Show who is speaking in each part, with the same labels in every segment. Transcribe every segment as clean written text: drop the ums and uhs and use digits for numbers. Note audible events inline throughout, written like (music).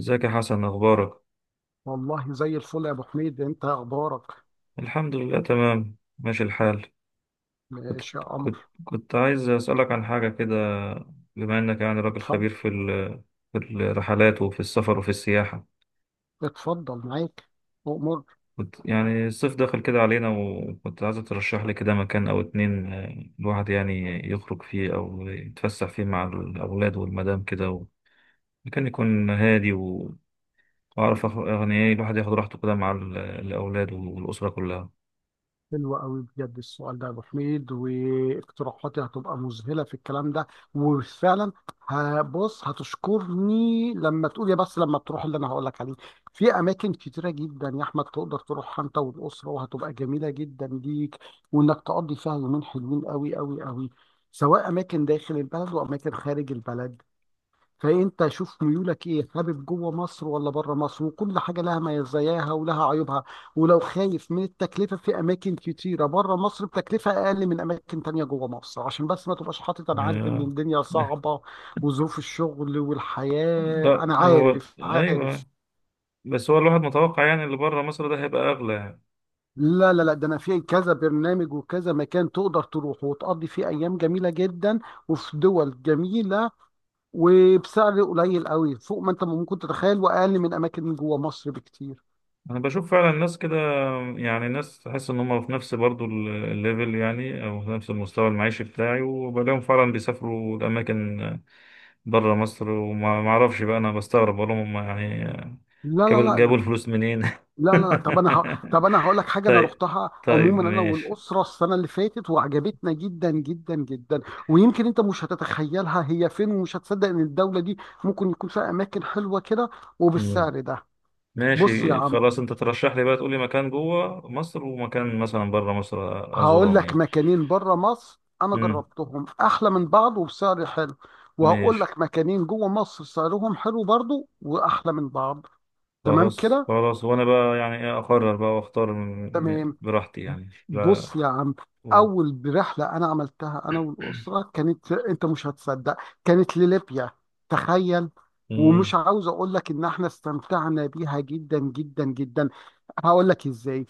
Speaker 1: ازيك يا حسن، اخبارك؟
Speaker 2: والله زي الفل يا ابو حميد، انت اخبارك؟
Speaker 1: الحمد لله، تمام ماشي الحال. كنت
Speaker 2: ماشي يا
Speaker 1: كنت
Speaker 2: قمر.
Speaker 1: كنت عايز اسالك عن حاجه كده. بما انك يعني راجل
Speaker 2: اتفضل،
Speaker 1: خبير في الرحلات وفي السفر وفي السياحه.
Speaker 2: اتفضل معاك امور.
Speaker 1: كنت يعني الصيف داخل كده علينا، وكنت عايز ترشح لي كده مكان او اتنين، الواحد يعني يخرج فيه او يتفسح فيه مع الاولاد والمدام كده مكان يكون هادي واعرف يعني ايه الواحد ياخد راحته كده مع الاولاد والاسره كلها.
Speaker 2: حلوة قوي بجد السؤال ده يا ابو حميد، واقتراحاتي هتبقى مذهلة في الكلام ده. وفعلا هبص هتشكرني لما تقول، يا بس لما تروح اللي انا هقول لك عليه. في اماكن كتيرة جدا يا احمد تقدر تروحها انت والاسرة، وهتبقى جميلة جدا ليك، وانك تقضي فيها يومين حلوين قوي قوي قوي، سواء اماكن داخل البلد واماكن خارج البلد. فانت شوف ميولك ايه، حابب جوه مصر ولا بره مصر، وكل حاجه لها مزاياها ولها عيوبها. ولو خايف من التكلفه، في اماكن كتيره بره مصر بتكلفه اقل من اماكن تانية جوه مصر، عشان بس ما تبقاش حاطط، انا عارف ان
Speaker 1: آه،
Speaker 2: الدنيا صعبه وظروف الشغل والحياه،
Speaker 1: لا،
Speaker 2: انا
Speaker 1: هو
Speaker 2: عارف
Speaker 1: ايوه،
Speaker 2: عارف.
Speaker 1: بس هو الواحد متوقع يعني اللي بره مصر ده هيبقى اغلى يعني.
Speaker 2: لا لا لا، ده انا في كذا برنامج وكذا مكان تقدر تروح وتقضي فيه ايام جميله جدا وفي دول جميله، وبسعر قليل قوي فوق ما انت ممكن تتخيل واقل من اماكن جوه مصر بكتير.
Speaker 1: انا بشوف فعلا الناس كده، يعني الناس تحس ان هم في نفس برضو الليفل يعني، او في نفس المستوى المعيشي بتاعي، وبلاقيهم فعلا بيسافروا لاماكن بره مصر، وما ما اعرفش بقى، انا بستغرب بقول لهم، هم يعني
Speaker 2: لا لا
Speaker 1: جابوا
Speaker 2: لا
Speaker 1: الفلوس منين؟
Speaker 2: لا لا لا. طب انا ه...
Speaker 1: (laughs)
Speaker 2: طب انا هقول لك حاجه، انا
Speaker 1: طيب،
Speaker 2: رحتها
Speaker 1: طيب
Speaker 2: عموما انا
Speaker 1: ماشي.
Speaker 2: والاسره السنه اللي فاتت وعجبتنا جدا جدا جدا. ويمكن انت مش هتتخيلها هي فين ومش هتصدق ان الدوله دي ممكن يكون فيها اماكن حلوه كده
Speaker 1: مم.
Speaker 2: وبالسعر ده. بص يا
Speaker 1: ماشي
Speaker 2: عم،
Speaker 1: خلاص، انت ترشح لي بقى، تقول لي مكان جوه مصر ومكان مثلا بره مصر
Speaker 2: هقول
Speaker 1: ازورهم
Speaker 2: لك
Speaker 1: يعني.
Speaker 2: مكانين بره مصر انا
Speaker 1: مم.
Speaker 2: جربتهم احلى من بعض وبسعر حلو، وهقول
Speaker 1: ماشي.
Speaker 2: لك مكانين جوه مصر سعرهم حلو برضو واحلى من بعض. تمام
Speaker 1: خلاص
Speaker 2: كده.
Speaker 1: خلاص، وانا بقى يعني ايه اقرر بقى واختار
Speaker 2: تمام.
Speaker 1: براحتي يعني، لا.
Speaker 2: بص يا عم،
Speaker 1: و...
Speaker 2: اول رحله انا عملتها انا والاسره كانت، انت مش هتصدق، كانت لليبيا. تخيل.
Speaker 1: مم.
Speaker 2: ومش عاوز اقول لك ان احنا استمتعنا بيها جدا جدا جدا. هقول لك ازاي.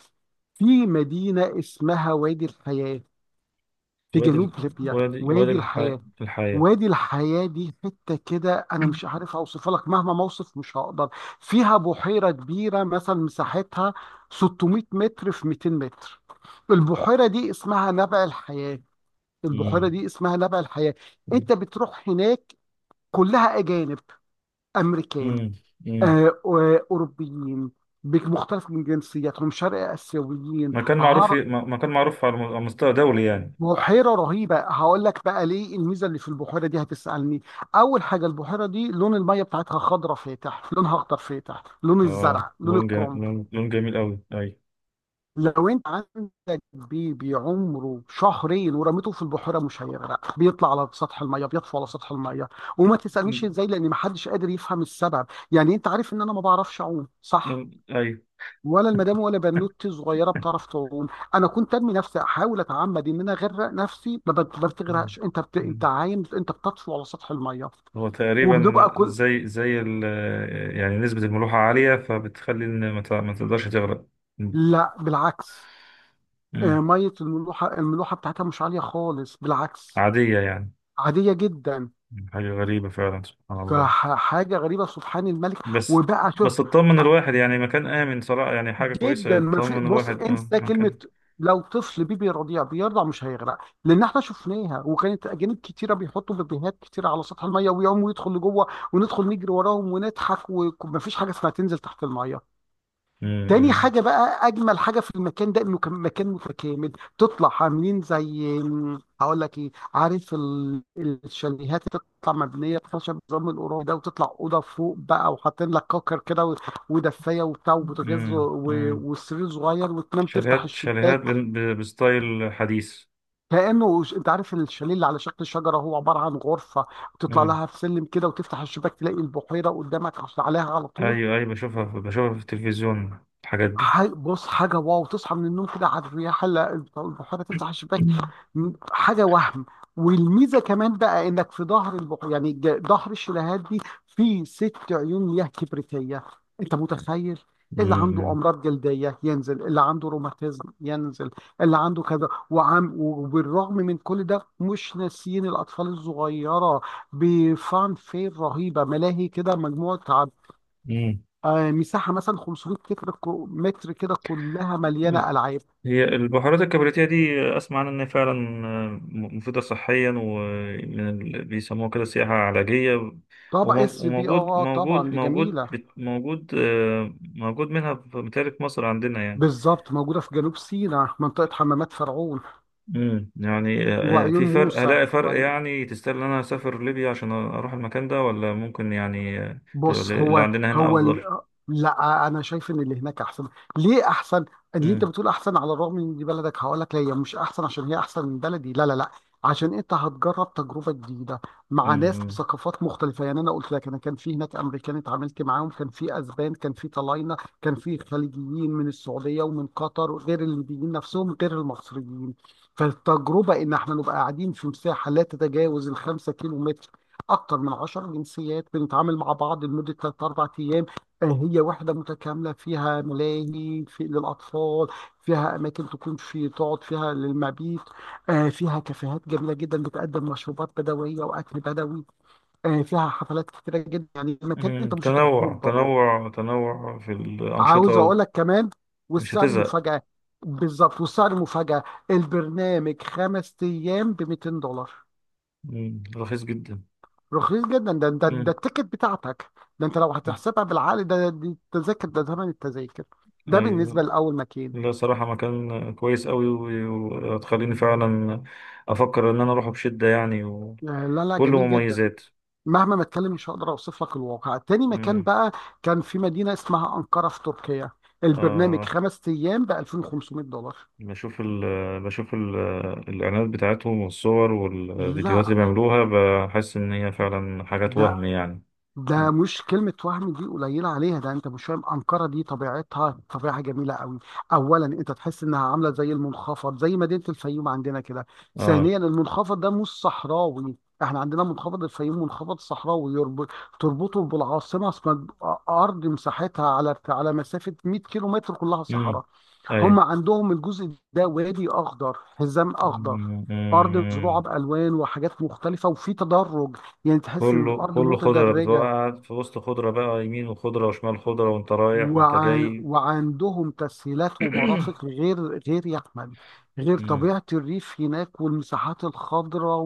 Speaker 2: في مدينه اسمها وادي الحياه في
Speaker 1: وادي
Speaker 2: جنوب
Speaker 1: ال-
Speaker 2: ليبيا،
Speaker 1: وادي وادي
Speaker 2: وادي
Speaker 1: الح...
Speaker 2: الحياة.
Speaker 1: الحياة.
Speaker 2: وادي الحياة دي حتة كده، أنا مش عارف أوصفها لك مهما ما أوصف مش هقدر. فيها بحيرة كبيرة مثلا، مساحتها 600 متر في 200 متر. البحيرة دي اسمها نبع الحياة. البحيرة
Speaker 1: مم.
Speaker 2: دي اسمها نبع الحياة. أنت بتروح هناك، كلها أجانب، أمريكان،
Speaker 1: مم. مم.
Speaker 2: أوروبيين، بمختلف من جنسياتهم، شرق آسيويين، عرب.
Speaker 1: مكان معروف على مستوى دولي يعني.
Speaker 2: بحيرة رهيبة، هقول لك بقى ليه الميزة اللي في البحيرة دي هتسألني. أول حاجة البحيرة دي لون المية بتاعتها خضرة فاتح، لونها أخضر فاتح، لون
Speaker 1: اه،
Speaker 2: الزرع، لون الكرنب.
Speaker 1: لون جميل قوي، اي.
Speaker 2: لو أنت عندك بيبي عمره شهرين ورميته في البحيرة مش هيغرق، بيطلع على سطح المية، بيطفو على سطح المية. وما تسألنيش
Speaker 1: مم.
Speaker 2: إزاي لأن محدش قادر يفهم السبب. يعني أنت عارف إن أنا ما بعرفش أعوم صح،
Speaker 1: لون، اي.
Speaker 2: ولا المدام، ولا بنوتي صغيره بتعرف تعوم. انا كنت ارمي نفسي احاول اتعمد ان انا اغرق نفسي، ما
Speaker 1: مم.
Speaker 2: بتغرقش. انت بت...
Speaker 1: مم.
Speaker 2: انت عايم، انت بتطفو على سطح الميه.
Speaker 1: هو
Speaker 2: وبنبقى
Speaker 1: تقريبا
Speaker 2: كل.
Speaker 1: زي يعني نسبة الملوحة عالية، فبتخلي ان ما تقدرش تغرق. مم.
Speaker 2: لا بالعكس.
Speaker 1: مم.
Speaker 2: ميه، الملوحه بتاعتها مش عاليه خالص، بالعكس،
Speaker 1: عادية يعني.
Speaker 2: عاديه جدا.
Speaker 1: حاجة غريبة فعلا، سبحان الله.
Speaker 2: فحاجه غريبه، سبحان الملك.
Speaker 1: بس.
Speaker 2: وبقى
Speaker 1: بس تطمن الواحد يعني، مكان آمن صراحة، يعني حاجة كويسة
Speaker 2: جدا ما في،
Speaker 1: تطمن
Speaker 2: بص
Speaker 1: الواحد.
Speaker 2: انسى كلمه.
Speaker 1: مكان.
Speaker 2: لو طفل بيبي رضيع بيرضع مش هيغرق، لان احنا شفناها وكانت اجانب كتيره بيحطوا بيبيهات كتيره على سطح الميه ويقوموا يدخل لجوه، وندخل نجري وراهم ونضحك. ومفيش حاجه اسمها تنزل تحت الميه. تاني
Speaker 1: امم
Speaker 2: حاجة بقى، أجمل حاجة في المكان ده إنه كان مكان متكامل. تطلع عاملين زي، هقول لك إيه، عارف الشاليهات اللي تطلع مبنية خشب نظام القرى ده، وتطلع أوضة فوق بقى وحاطين لك كوكر كده ودفاية وبتاع وبوتاجاز
Speaker 1: امم امم
Speaker 2: وسرير صغير، وتنام تفتح
Speaker 1: شاليهات شاليهات
Speaker 2: الشباك.
Speaker 1: بستايل حديث.
Speaker 2: أنت عارف الشاليه اللي على شكل شجرة هو عبارة عن غرفة، تطلع
Speaker 1: امم.
Speaker 2: لها في سلم كده وتفتح الشباك تلاقي البحيرة قدامك عليها على طول.
Speaker 1: ايوه ايوه، بشوفها في التلفزيون الحاجات دي.
Speaker 2: بص حاجة واو، تصحى من النوم كده على الرياح البحيرة، تفتح الشباك، حاجة وهم. والميزة كمان بقى انك في ظهر البحيرة، يعني ظهر الشلالات دي، في ست عيون مياه كبريتية. انت متخيل. اللي عنده
Speaker 1: امم.
Speaker 2: امراض جلدية ينزل، اللي عنده روماتيزم ينزل، اللي عنده كذا وعم، وبالرغم من كل ده مش ناسيين الاطفال الصغيرة، بفان فير رهيبة، ملاهي كده، مجموعة.
Speaker 1: امم.
Speaker 2: مساحه مثلا 500 متر كده، كلها مليانه العاب.
Speaker 1: هي البهارات الكبريتية دي، أسمع عنها إن هي فعلا مفيدة صحيا، ومن بيسموها كده سياحة علاجية.
Speaker 2: طبعا
Speaker 1: ومو-
Speaker 2: اس بي
Speaker 1: وموجود
Speaker 2: اه، طبعا
Speaker 1: موجود
Speaker 2: دي
Speaker 1: موجود
Speaker 2: جميله.
Speaker 1: بت- موجود آه، موجود منها متهيألي في مصر عندنا يعني.
Speaker 2: بالظبط، موجوده في جنوب سيناء منطقه حمامات فرعون
Speaker 1: امم. يعني
Speaker 2: وعيون
Speaker 1: في فرق،
Speaker 2: موسى.
Speaker 1: هلاقي فرق يعني؟ تستاهل إن أنا أسافر ليبيا عشان أروح المكان ده، ولا ممكن يعني تبقى
Speaker 2: بص
Speaker 1: اللي
Speaker 2: هو،
Speaker 1: عندنا هنا
Speaker 2: هو ال...
Speaker 1: أفضل؟
Speaker 2: آه، لا، انا شايف ان اللي هناك احسن. ليه احسن؟ اللي انت
Speaker 1: امم.
Speaker 2: بتقول احسن على الرغم ان دي بلدك، هقول لك لا، هي مش احسن عشان هي احسن من بلدي، لا لا لا. عشان انت هتجرب تجربه جديده مع ناس
Speaker 1: امم.
Speaker 2: بثقافات مختلفه، يعني انا قلت لك، انا كان في هناك امريكان اتعاملت معاهم، كان في اسبان، كان في طلاينه، كان في خليجيين من السعوديه ومن قطر، غير الليبيين نفسهم غير المصريين. فالتجربه ان احنا نبقى قاعدين في مساحه لا تتجاوز الخمسة كيلو، أكتر من 10 جنسيات بنتعامل مع بعض لمدة ثلاث أربع أيام. آه، هي وحدة متكاملة، فيها ملاهي في للأطفال، فيها أماكن تكون في تقعد فيها للمبيت. فيها كافيهات جميلة جدا بتقدم مشروبات بدوية وأكل بدوي. فيها حفلات كتيرة جدا، يعني مكان
Speaker 1: أمم.
Speaker 2: أنت مش هتخرج
Speaker 1: تنوع
Speaker 2: بره.
Speaker 1: تنوع تنوع في
Speaker 2: عاوز أقول
Speaker 1: الأنشطة.
Speaker 2: لك كمان،
Speaker 1: مش
Speaker 2: والسعر
Speaker 1: هتزهق.
Speaker 2: مفاجأة. بالظبط، والسعر مفاجأة. البرنامج 5 أيام ب 200 دولار.
Speaker 1: مم، رخيص جدا.
Speaker 2: رخيص جدا، ده
Speaker 1: مم.
Speaker 2: التيكت بتاعتك. ده انت لو هتحسبها بالعقل، ده دي التذاكر، ده ثمن التذاكر. ده بالنسبه
Speaker 1: ايوه.
Speaker 2: لاول مكان.
Speaker 1: لا، صراحة مكان كويس قوي، وتخليني فعلا افكر ان انا اروحه بشدة يعني، وكله
Speaker 2: لا لا جميل جدا.
Speaker 1: مميزات.
Speaker 2: مهما ما اتكلم مش هقدر اوصف لك الواقع. تاني مكان
Speaker 1: امم.
Speaker 2: بقى، كان في مدينه اسمها انقره في تركيا، البرنامج
Speaker 1: آه
Speaker 2: 5 ايام ب 2500 دولار.
Speaker 1: بشوف ال بشوف الاعلانات بتاعتهم والصور والفيديوهات اللي
Speaker 2: لا
Speaker 1: بيعملوها، بحس ان هي فعلا حاجات وهم
Speaker 2: ده
Speaker 1: يعني.
Speaker 2: ده مش كلمة وهم دي قليلة عليها، ده انت مش فاهم. أنقرة دي طبيعتها طبيعة جميلة قوي. أولا انت تحس انها عاملة زي المنخفض زي مدينة الفيوم عندنا كده.
Speaker 1: اه.
Speaker 2: ثانيا المنخفض ده مش صحراوي، احنا عندنا منخفض الفيوم منخفض صحراوي، تربطه بالعاصمة اسمها، أرض مساحتها على مسافة 100 كيلو متر كلها
Speaker 1: امم.
Speaker 2: صحراء.
Speaker 1: ايوه.
Speaker 2: هم عندهم الجزء ده وادي أخضر حزام أخضر،
Speaker 1: مم.
Speaker 2: أرض مزروعة
Speaker 1: مم.
Speaker 2: بألوان وحاجات مختلفة وفي تدرج، يعني تحس إن
Speaker 1: كله
Speaker 2: الأرض
Speaker 1: كله خضرة، بتبقى
Speaker 2: متدرجة.
Speaker 1: قاعد في وسط خضرة بقى، يمين وخضرة وشمال خضرة وانت رايح وانت جاي.
Speaker 2: وعندهم تسهيلات ومرافق،
Speaker 1: (clears throat)
Speaker 2: غير غير يحمل غير
Speaker 1: مم.
Speaker 2: طبيعة الريف هناك والمساحات الخضراء.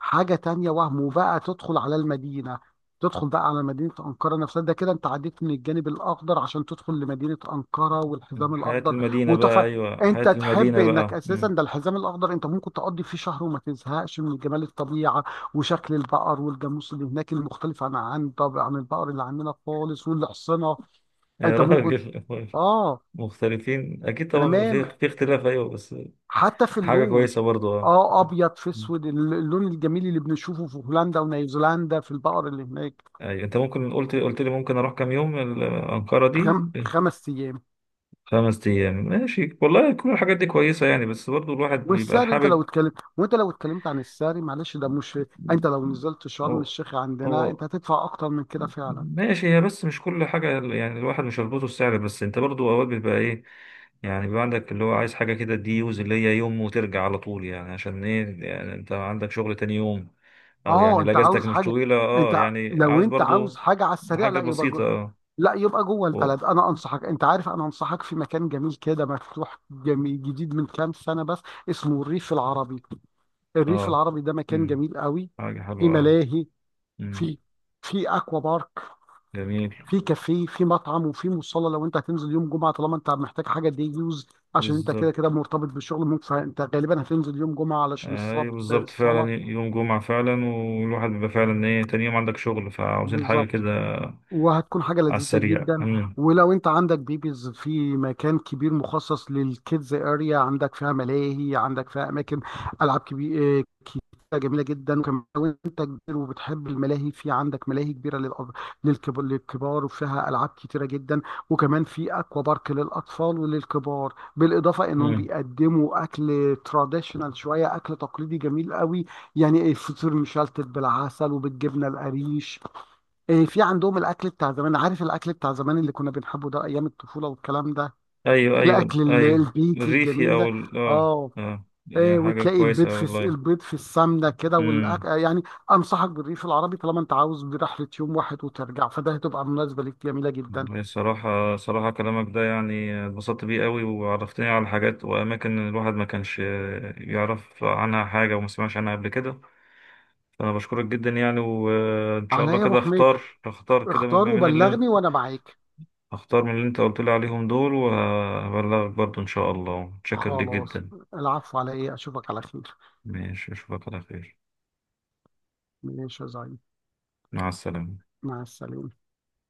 Speaker 2: وحاجة تانية وهم، وبقى تدخل على المدينة. تدخل بقى على مدينة أنقرة نفسها، ده كده أنت عديت من الجانب الأخضر عشان تدخل لمدينة أنقرة، والحزام
Speaker 1: حياة
Speaker 2: الأخضر
Speaker 1: المدينة بقى،
Speaker 2: وتحفة.
Speaker 1: أيوة، حياة
Speaker 2: أنت تحب
Speaker 1: المدينة
Speaker 2: إنك
Speaker 1: بقى.
Speaker 2: أساسا
Speaker 1: مم.
Speaker 2: ده الحزام الأخضر، أنت ممكن تقضي فيه شهر وما تزهقش من جمال الطبيعة وشكل البقر والجاموس اللي هناك المختلف عن طبعا عن البقر اللي عندنا خالص والحصنة.
Speaker 1: يا
Speaker 2: انت ممكن،
Speaker 1: راجل. (laughs)
Speaker 2: اه،
Speaker 1: مختلفين أكيد طبعا، بيبقى
Speaker 2: تمام،
Speaker 1: في اختلاف، أيوة، بس
Speaker 2: حتى في
Speaker 1: حاجة
Speaker 2: اللون.
Speaker 1: كويسة برضو، أه.
Speaker 2: اه ابيض في
Speaker 1: مم.
Speaker 2: اسود، اللون الجميل اللي بنشوفه في هولندا ونيوزيلندا في البقر اللي هناك.
Speaker 1: أيوة، أنت ممكن قلت لي ممكن أروح كام يوم أنقرة
Speaker 2: خم...
Speaker 1: دي؟
Speaker 2: خمس ايام.
Speaker 1: خمس أيام، ماشي والله. كل الحاجات دي كويسة يعني، بس برضو الواحد بيبقى
Speaker 2: والسعر، انت لو
Speaker 1: حابب.
Speaker 2: اتكلمت وانت لو اتكلمت عن السعر، معلش ده مش. انت لو نزلت
Speaker 1: هو.
Speaker 2: شرم الشيخ عندنا
Speaker 1: هو.
Speaker 2: انت هتدفع اكتر من كده فعلا.
Speaker 1: ماشي، هي بس مش كل حاجة يعني، الواحد مش هيربطه السعر بس، انت برضو اوقات بيبقى ايه، يعني بيبقى عندك اللي هو عايز حاجة كده دي يوز، اللي هي يوم وترجع على طول يعني، عشان ايه يعني انت عندك شغل تاني يوم. او يعني
Speaker 2: اه،
Speaker 1: لا،
Speaker 2: انت
Speaker 1: اجازتك
Speaker 2: عاوز
Speaker 1: مش
Speaker 2: حاجه،
Speaker 1: طويلة، اه
Speaker 2: انت
Speaker 1: يعني
Speaker 2: لو
Speaker 1: عايز
Speaker 2: انت عاوز
Speaker 1: برضو
Speaker 2: حاجه على السريع،
Speaker 1: حاجة
Speaker 2: لا يبقى
Speaker 1: بسيطة،
Speaker 2: جوه.
Speaker 1: اه.
Speaker 2: لا يبقى جوه
Speaker 1: و-
Speaker 2: البلد، انا انصحك، انت عارف انا انصحك في مكان جميل كده مفتوح جميل جديد من كام سنه بس، اسمه الريف العربي. الريف
Speaker 1: اه.
Speaker 2: العربي ده مكان
Speaker 1: مم.
Speaker 2: جميل قوي،
Speaker 1: حاجة
Speaker 2: في
Speaker 1: حلوة، اه.
Speaker 2: ملاهي،
Speaker 1: مم.
Speaker 2: في في اكوا بارك،
Speaker 1: جميل.
Speaker 2: في كافيه، في مطعم، وفي مصلى. لو انت هتنزل يوم جمعه طالما انت محتاج حاجه دي يوز، عشان انت كده
Speaker 1: بالظبط.
Speaker 2: كده مرتبط بالشغل ممكن، فانت غالبا هتنزل يوم جمعه علشان الصلاه
Speaker 1: ايوه، بالظبط، فعلا
Speaker 2: الصلاه.
Speaker 1: يوم جمعة، فعلا، والواحد بيبقى فعلا ايه، تاني يوم عندك شغل، فعاوزين حاجة
Speaker 2: بالظبط،
Speaker 1: كده
Speaker 2: وهتكون حاجة
Speaker 1: على
Speaker 2: لذيذة
Speaker 1: السريع.
Speaker 2: جدا.
Speaker 1: مم.
Speaker 2: ولو انت عندك بيبيز في مكان كبير مخصص للكيدز اريا، عندك فيها ملاهي، عندك فيها اماكن، العاب كبيرة جميلة جدا. وكمان لو انت كبير وبتحب الملاهي، في عندك ملاهي كبيرة للكبار، وفيها العاب كتيرة جدا. وكمان في اكوا بارك للاطفال وللكبار، بالاضافة انهم
Speaker 1: مم.
Speaker 2: بيقدموا اكل تراديشنال شوية، اكل تقليدي جميل قوي. يعني الفطير مشلتت بالعسل وبالجبنة القريش. إيه، في عندهم الاكل بتاع زمان، عارف الاكل بتاع زمان اللي كنا بنحبه ده، ايام الطفوله والكلام ده.
Speaker 1: ايوه ايوه
Speaker 2: الاكل
Speaker 1: ايوه.
Speaker 2: البيتي
Speaker 1: الريفي
Speaker 2: الجميل
Speaker 1: او
Speaker 2: ده.
Speaker 1: اه.
Speaker 2: اه.
Speaker 1: اه يعني
Speaker 2: إيه،
Speaker 1: حاجه
Speaker 2: وتلاقي البيض
Speaker 1: كويسه
Speaker 2: في الس-
Speaker 1: والله.
Speaker 2: البيض في السمنه كده، والأك...
Speaker 1: امم.
Speaker 2: آه، يعني. انصحك بالريف العربي طالما انت عاوز برحله يوم واحد وترجع، فده هتبقى مناسبه ليك جميله جدا.
Speaker 1: صراحه صراحه، كلامك ده يعني اتبسطت بيه قوي، وعرفتني على حاجات واماكن الواحد ما كانش يعرف عنها حاجه وما سمعش عنها قبل كده، فانا بشكرك جدا يعني. وان شاء
Speaker 2: عليا
Speaker 1: الله
Speaker 2: يا ابو
Speaker 1: كده
Speaker 2: حميد،
Speaker 1: اختار كده
Speaker 2: اختار
Speaker 1: ما بين اللي انت
Speaker 2: وبلغني وانا معاك.
Speaker 1: اختار من اللي انت قلت لي عليهم دول، وهبلغك برضو ان شاء الله. متشكر ليك
Speaker 2: خلاص،
Speaker 1: جدا.
Speaker 2: العفو على ايه، اشوفك على خير.
Speaker 1: ماشي، اشوفك على خير.
Speaker 2: ماشي يا زعيم،
Speaker 1: مع السلامه.
Speaker 2: مع السلامه.